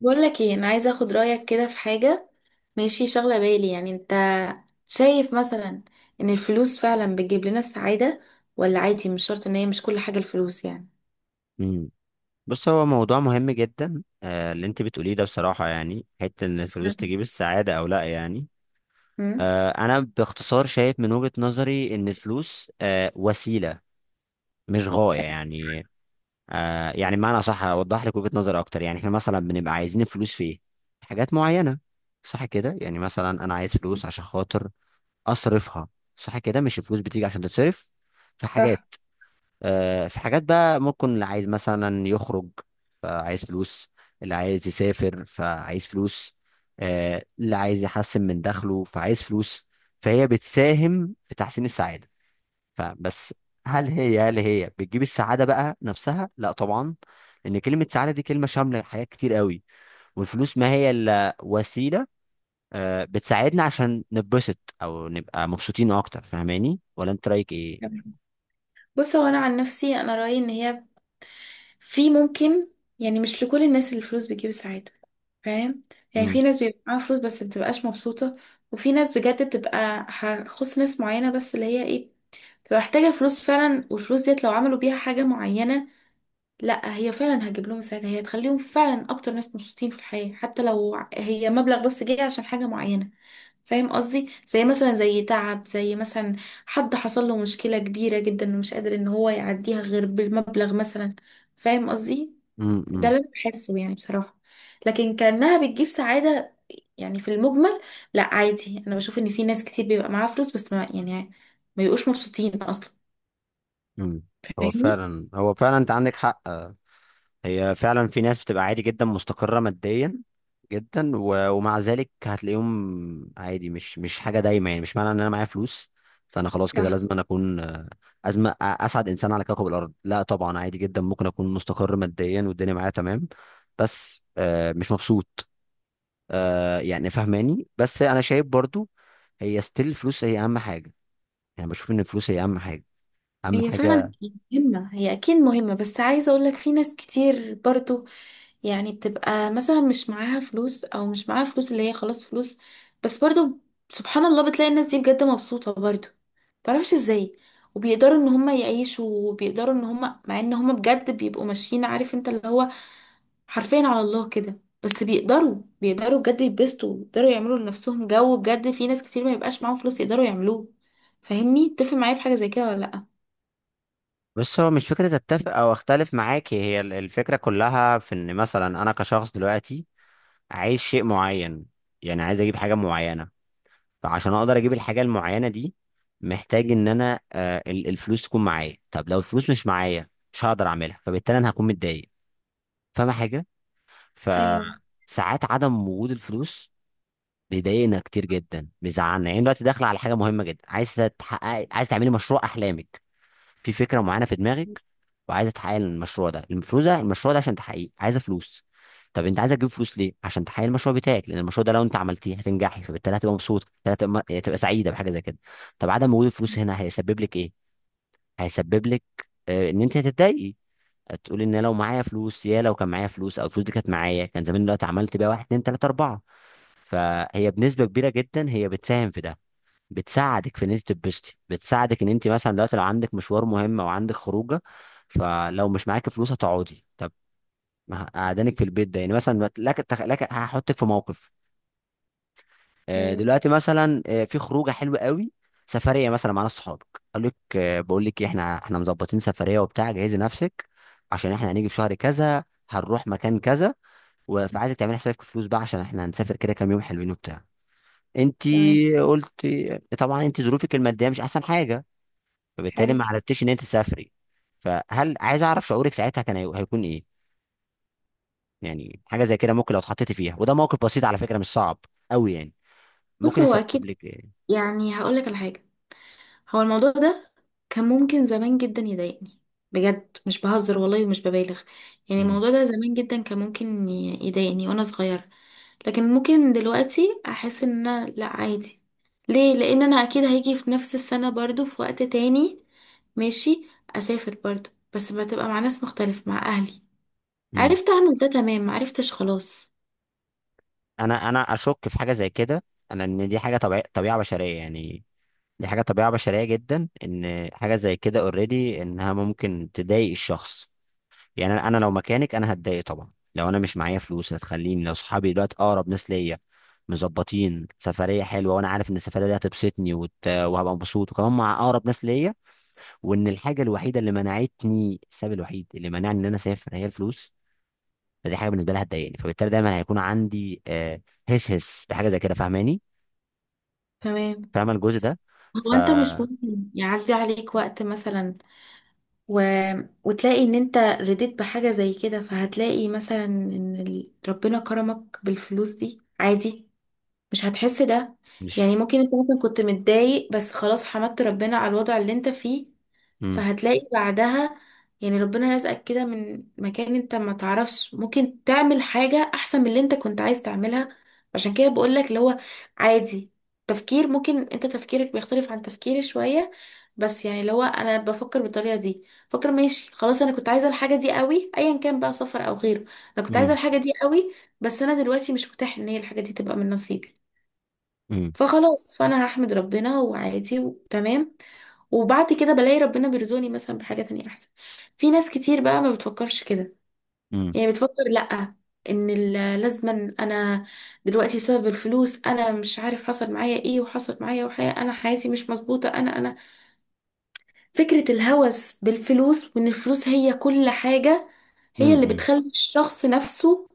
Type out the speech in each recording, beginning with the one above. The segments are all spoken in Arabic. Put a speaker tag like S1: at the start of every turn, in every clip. S1: بقول لك ايه، انا عايزه اخد رايك كده في حاجه. ماشي، شغله بالي، يعني انت شايف مثلا ان الفلوس فعلا بتجيب لنا السعاده، ولا عادي؟ مش شرط ان هي مش كل حاجه الفلوس يعني.
S2: مم. بص هو موضوع مهم جدا اللي انت بتقوليه ده، بصراحة يعني حتة ان الفلوس
S1: نعم.
S2: تجيب السعادة او لا يعني.
S1: امم
S2: انا باختصار شايف من وجهة نظري ان الفلوس وسيلة مش غاية يعني. يعني بمعنى، صح اوضح لك وجهة نظري اكتر. يعني احنا مثلا بنبقى عايزين الفلوس في ايه؟ حاجات معينة، صح كده. يعني مثلا انا عايز فلوس عشان خاطر اصرفها، صح كده. مش الفلوس بتيجي عشان تتصرف في حاجات.
S1: صح.
S2: في حاجات بقى، ممكن اللي عايز مثلا يخرج فعايز فلوس، اللي عايز يسافر فعايز فلوس، اللي عايز يحسن من دخله فعايز فلوس. فهي بتساهم في تحسين السعادة، فبس. هل هي بتجيب السعادة بقى نفسها؟ لا طبعا، لأن كلمة سعادة دي كلمة شاملة لحاجات كتير قوي، والفلوس ما هي إلا وسيلة. بتساعدنا عشان نتبسط أو نبقى مبسوطين أكتر. فاهماني؟ ولا أنت رأيك إيه؟
S1: بص، هو انا عن نفسي انا رايي ان هي في ممكن، يعني مش لكل الناس اللي الفلوس بتجيب السعاده، فاهم؟ يعني
S2: امم،
S1: في ناس بيبقى معاها فلوس بس بتبقاش مبسوطه، وفي ناس بجد بتبقى هخص ناس معينه بس اللي هي ايه، بتبقى محتاجه الفلوس فعلا، والفلوس ديت لو عملوا بيها حاجه معينه، لا هي فعلا هتجيب لهم السعادة، هي تخليهم فعلا أكتر ناس مبسوطين في الحياة، حتى لو هي مبلغ بس جاي عشان حاجة معينة، فاهم قصدي؟ زي مثلا، زي تعب، زي مثلا حد حصل له مشكلة كبيرة جدا ومش قادر إن هو يعديها غير بالمبلغ مثلا، فاهم قصدي؟
S2: امم،
S1: ده
S2: امم.
S1: اللي أنا بحسه يعني بصراحة، لكن كأنها بتجيب سعادة يعني في المجمل. لا عادي، أنا بشوف إن في ناس كتير بيبقى معاها فلوس بس ما يعني، ما بيبقوش مبسوطين أصلا،
S2: مم. هو فعلا انت عندك حق. هي فعلا في ناس بتبقى عادي جدا مستقرة ماديا جدا، ومع ذلك هتلاقيهم عادي، مش حاجة دايمة يعني. مش معنى ان انا معايا فلوس فانا خلاص كده
S1: فاهمني؟
S2: لازم أنا اكون اسعد انسان على كوكب الارض. لا طبعا، عادي جدا ممكن اكون مستقر ماديا والدنيا معايا تمام، بس مش مبسوط. يعني فهماني، بس انا شايف برضو هي ستيل الفلوس هي اهم حاجة. يعني بشوف ان الفلوس هي اهم حاجة، اهم
S1: هي فعلا
S2: حاجة.
S1: مهمة، هي أكيد مهمة، بس عايزة أقولك في ناس كتير برضو، يعني بتبقى مثلا مش معاها فلوس، أو مش معاها فلوس اللي هي خلاص فلوس، بس برضو سبحان الله بتلاقي الناس دي بجد مبسوطة برضو، متعرفش ازاي، وبيقدروا ان هما يعيشوا، وبيقدروا ان هما مع ان هما بجد بيبقوا ماشيين، عارف انت اللي هو حرفيا على الله كده، بس بيقدروا بجد يتبسطوا، بيقدروا يعملوا لنفسهم جو بجد في ناس كتير ما يبقاش معاهم فلوس يقدروا يعملوه. فاهمني؟ تتفق معايا في حاجة زي كده ولا لأ؟
S2: بص، هو مش فكرة اتفق او اختلف معاك، هي الفكرة كلها في ان مثلا انا كشخص دلوقتي عايز شيء معين، يعني عايز اجيب حاجة معينة. فعشان اقدر اجيب الحاجة المعينة دي، محتاج ان انا الفلوس تكون معايا. طب لو الفلوس مش معايا، مش هقدر اعملها، فبالتالي انا هكون متضايق، فاهمة حاجة؟
S1: ايوه.
S2: فساعات عدم وجود الفلوس بيضايقنا كتير جدا، بيزعلنا. يعني دلوقتي داخلة على حاجة مهمة جدا، عايز تحققي، عايز تعملي مشروع احلامك، في فكره معينه في دماغك وعايزه تحقق المشروع ده. المفروض المشروع ده عشان تحقيقه عايزه فلوس. طب انت عايزه تجيب فلوس ليه؟ عشان تحقق المشروع بتاعك، لان المشروع ده لو انت عملتيه هتنجحي، فبالتالي هتبقى مبسوط، هتبقى سعيده بحاجه زي كده. طب عدم وجود الفلوس هنا هيسبب لك ايه؟ هيسبب لك ان انت هتتضايقي. هتقولي ان لو معايا فلوس، يا لو كان معايا فلوس، او الفلوس دي كانت معايا، كان زمان دلوقتي عملت بيها واحد اتنين تلاته اربعه. فهي بنسبه كبيره جدا هي بتساهم في ده، بتساعدك في ان انت تتبسطي. بتساعدك ان انت مثلا دلوقتي لو عندك مشوار مهم او عندك خروجه، فلو مش معاكي فلوس هتقعدي. طب، ما قعدانك في البيت ده، يعني مثلا بت- لك تخ- لك هحطك في موقف.
S1: تمام.
S2: دلوقتي مثلا، في خروجه حلوه قوي، سفريه مثلا مع ناس صحابك. قال لك بقول لك إيه، احنا مظبطين سفريه وبتاع، جهزي نفسك عشان احنا هنيجي في شهر كذا، هنروح مكان كذا، فعايزك تعملي حسابك في فلوس بقى عشان احنا هنسافر كده كام يوم حلوين وبتاع. انت
S1: تمام.
S2: قلت طبعا انت ظروفك الماديه مش احسن حاجه، فبالتالي
S1: حلو.
S2: ما عرفتيش ان انت تسافري. فهل، عايز اعرف شعورك ساعتها كان هيكون ايه؟ يعني حاجه زي كده، ممكن لو اتحطيتي فيها، وده موقف بسيط على فكره، مش صعب قوي يعني،
S1: بص
S2: ممكن
S1: هو
S2: يسبب
S1: اكيد،
S2: لك ايه؟
S1: يعني هقولك على حاجه، هو الموضوع ده كان ممكن زمان جدا يضايقني، بجد مش بهزر والله ومش ببالغ، يعني
S2: مم.
S1: الموضوع ده زمان جدا كان ممكن يضايقني وانا صغيره، لكن ممكن دلوقتي احس ان انا لا عادي، ليه؟ لان انا اكيد هيجي في نفس السنه برضو في وقت تاني ماشي، اسافر برضو، بس بتبقى مع ناس مختلفه، مع اهلي.
S2: مم.
S1: عرفت اعمل ده تمام، ما عرفتش خلاص.
S2: انا اشك في حاجه زي كده. ان دي حاجه طبيعيه، طبيعه بشريه يعني. دي حاجه طبيعه بشريه جدا ان حاجه زي كده اوريدي انها ممكن تضايق الشخص. يعني انا لو مكانك انا هتضايق طبعا. لو انا مش معايا فلوس هتخليني، لو صحابي دلوقتي اقرب ناس ليا مظبطين سفريه حلوه، وانا عارف ان السفريه دي هتبسطني وهبقى مبسوط وكمان مع اقرب ناس ليا، وان الحاجه الوحيده اللي منعتني، السبب الوحيد اللي منعني ان انا اسافر هي الفلوس، فدي حاجه بالنسبه لها هتضايقني. فبالتالي دايما هيكون عندي هس هس بحاجه زي كده، فاهماني؟
S1: تمام.
S2: فاهمه الجزء ده؟
S1: هو انت مش
S2: فمش
S1: ممكن يعدي عليك وقت مثلا و... وتلاقي ان انت رديت بحاجة زي كده، فهتلاقي مثلا ان ربنا كرمك بالفلوس دي عادي، مش هتحس ده، يعني ممكن انت مثلا كنت متضايق بس خلاص حمدت ربنا على الوضع اللي انت فيه،
S2: امم،
S1: فهتلاقي بعدها، يعني ربنا رزقك كده من مكان انت ما تعرفش، ممكن تعمل حاجة احسن من اللي انت كنت عايز تعملها. عشان كده بقولك اللي هو عادي، تفكير، ممكن انت تفكيرك بيختلف عن تفكيري شوية، بس يعني اللي هو انا بفكر بالطريقة دي، فكر ماشي خلاص، انا كنت عايزة الحاجة دي قوي، ايا كان بقى سفر او غيره، انا كنت عايزة
S2: امم،
S1: الحاجة دي قوي، بس انا دلوقتي مش متاح ان هي الحاجة دي تبقى من نصيبي،
S2: امم،
S1: فخلاص، فانا هحمد ربنا وعادي وتمام، وبعد كده بلاقي ربنا بيرزقني مثلا بحاجة تانية احسن. في ناس كتير بقى ما بتفكرش كده،
S2: امم،
S1: يعني بتفكر لأ، ان لازما انا دلوقتي بسبب الفلوس انا مش عارف حصل معايا ايه وحصل معايا، وحياة، انا حياتي مش مظبوطة، انا فكرة الهوس بالفلوس وان الفلوس هي كل حاجة، هي اللي
S2: امم.
S1: بتخلي الشخص نفسه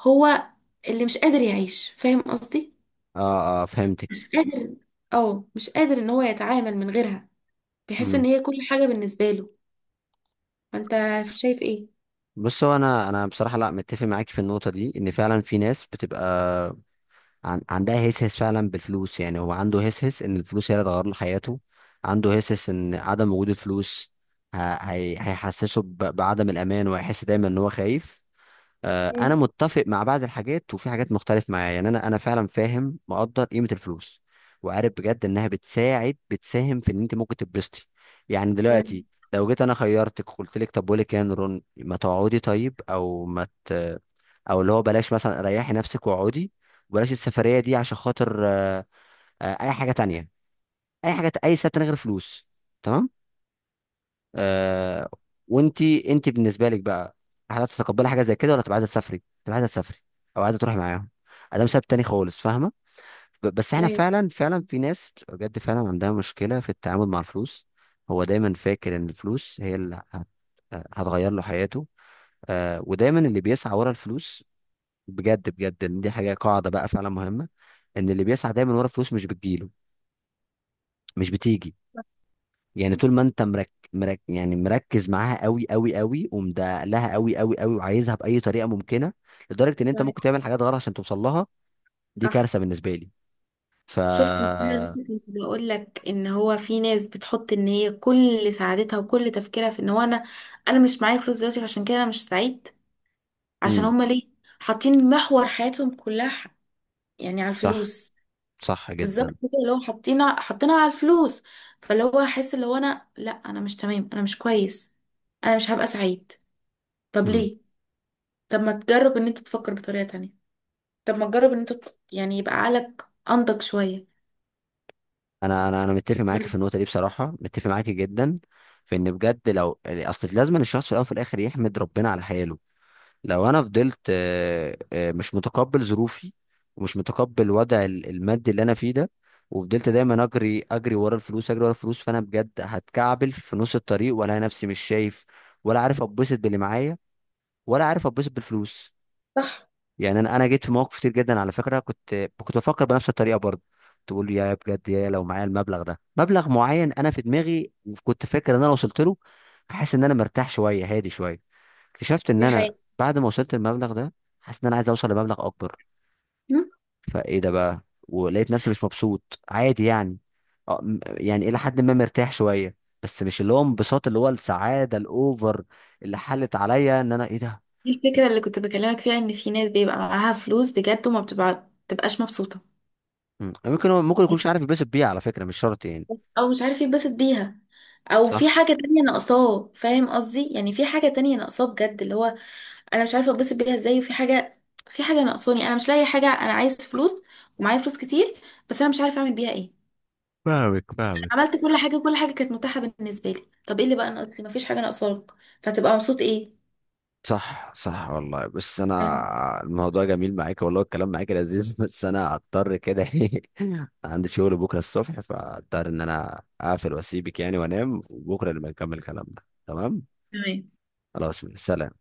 S1: هو اللي مش قادر يعيش، فاهم قصدي؟
S2: اه، اه، فهمتك.
S1: مش قادر. اه، مش قادر ان هو يتعامل من غيرها، بيحس ان هي كل حاجة بالنسبة له. فانت شايف ايه؟
S2: بص هو انا، بصراحه لا متفق معاك في النقطه دي. ان فعلا في ناس بتبقى عندها هسهس فعلا بالفلوس، يعني هو عنده هسهس ان الفلوس هي اللي هتغير له حياته. عنده هسهس ان عدم وجود الفلوس هيحسسه بعدم الامان، وهيحس دايما ان هو خايف. انا
S1: مم.
S2: متفق مع بعض الحاجات وفي حاجات مختلف معايا، يعني انا، انا فعلا فاهم، مقدر قيمه الفلوس. وعارف بجد انها بتساعد، بتساهم في ان انت ممكن تتبسطي. يعني دلوقتي
S1: تمام.
S2: لو جيت انا خيرتك، قلت لك طب بقول لك إيه يا نوران، ما تقعدي طيب، او ما ت... او اللي هو بلاش مثلا، ريحي نفسك واقعدي، وبلاش السفريه دي عشان خاطر اي حاجه تانية، اي حاجه، اي سبب تاني غير فلوس آه وانت بالنسبه لك بقى، هل هتتقبلي حاجه زي كده ولا تبقى عايزه تسافري؟ تبقى عايزه تسافري او عايزه تروحي معاهم، ده مسبب تاني خالص، فاهمه؟ بس احنا
S1: ايوه.
S2: فعلا، فعلا في ناس بتبقى بجد فعلا عندها مشكله في التعامل مع الفلوس. هو دايما فاكر ان الفلوس هي هتغير له حياته. ودايما اللي بيسعى ورا الفلوس، بجد بجد إن دي حاجه قاعده بقى فعلا مهمه، ان اللي بيسعى دايما ورا الفلوس مش بتجيله، مش بتيجي. يعني طول ما انت يعني مركز معاها قوي قوي قوي، ومدق لها قوي قوي قوي، وعايزها باي طريقه ممكنه، لدرجه ان انت
S1: تمام.
S2: ممكن تعمل حاجات غلط عشان توصل لها. دي
S1: صح.
S2: كارثه بالنسبه لي. ف
S1: شفت مثلا؟ لسه كنت بقول لك ان هو في ناس بتحط ان هي كل سعادتها وكل تفكيرها في ان هو انا، انا مش معايا فلوس دلوقتي فعشان كده انا مش سعيد، عشان
S2: امم،
S1: هما ليه حاطين محور حياتهم كلها يعني على
S2: صح،
S1: الفلوس،
S2: صح
S1: بالظبط
S2: جدا.
S1: كده، اللي هو حاطينها على الفلوس، فاللي هو حاسس اللي هو انا لا، انا مش تمام، انا مش كويس، انا مش هبقى سعيد. طب
S2: امم.
S1: ليه؟ طب ما تجرب ان انت تفكر بطريقة تانية، طب ما تجرب ان انت يعني يبقى عقلك انضج شوية.
S2: انا متفق معاك في النقطه دي بصراحه، متفق معاك جدا، في ان بجد لو اصل، لازم الشخص في الاول وفي الاخر يحمد ربنا على حياله. لو انا فضلت مش متقبل ظروفي، ومش متقبل وضع المادي اللي انا فيه ده، وفضلت دايما اجري، اجري ورا الفلوس، اجري ورا الفلوس، فانا بجد هتكعبل في نص الطريق، ولا نفسي مش شايف، ولا عارف اتبسط باللي معايا، ولا عارف اتبسط بالفلوس.
S1: صح.
S2: يعني انا جيت في مواقف كتير جدا على فكره، كنت بفكر بنفس الطريقه برضه. تقول يا بجد، يا لو معايا المبلغ ده، مبلغ معين انا في دماغي كنت فاكر ان انا وصلت له، حاسس ان انا مرتاح شويه، هادي شويه. اكتشفت ان
S1: دي
S2: انا
S1: حقيقة.
S2: بعد ما وصلت المبلغ ده، حاسس ان انا عايز اوصل لمبلغ اكبر.
S1: مم.
S2: فايه ده بقى؟ ولقيت نفسي مش مبسوط عادي يعني. يعني الى حد ما مرتاح شويه، بس مش اللي هو انبساط، اللي هو السعاده الاوفر اللي حلت عليا ان انا ايه ده.
S1: دي الفكرة اللي كنت بكلمك فيها، ان في ناس بيبقى معاها فلوس بجد وما بتبقى بتبقاش مبسوطة،
S2: مم. ممكن ممكن يكونش عارف يتبسط بيه على فكره، مش شرط يعني.
S1: او مش عارف يتبسط بيها، او
S2: صح،
S1: في حاجة تانية ناقصاه، فاهم قصدي؟ يعني في حاجة تانية ناقصاه بجد، اللي هو انا مش عارفة اتبسط بيها ازاي، وفي حاجة، في حاجة ناقصاني، انا مش لاقي حاجة، انا عايز فلوس ومعايا فلوس كتير بس انا مش عارفة اعمل بيها ايه.
S2: فاهمك،
S1: أنا
S2: فاهمك.
S1: عملت كل حاجة، كل حاجة كانت متاحة بالنسبة لي، طب ايه اللي بقى ناقص لي؟ مفيش حاجة ناقصاك، فتبقى مبسوط ايه؟
S2: صح، صح والله. بس انا الموضوع جميل معاك والله، الكلام معاك لذيذ بس انا هضطر كده ايه، عندي شغل بكره الصبح، فهضطر ان انا اقفل واسيبك يعني وانام، وبكره نبقى نكمل كلامنا، تمام.
S1: تمام.
S2: خلاص، سلام.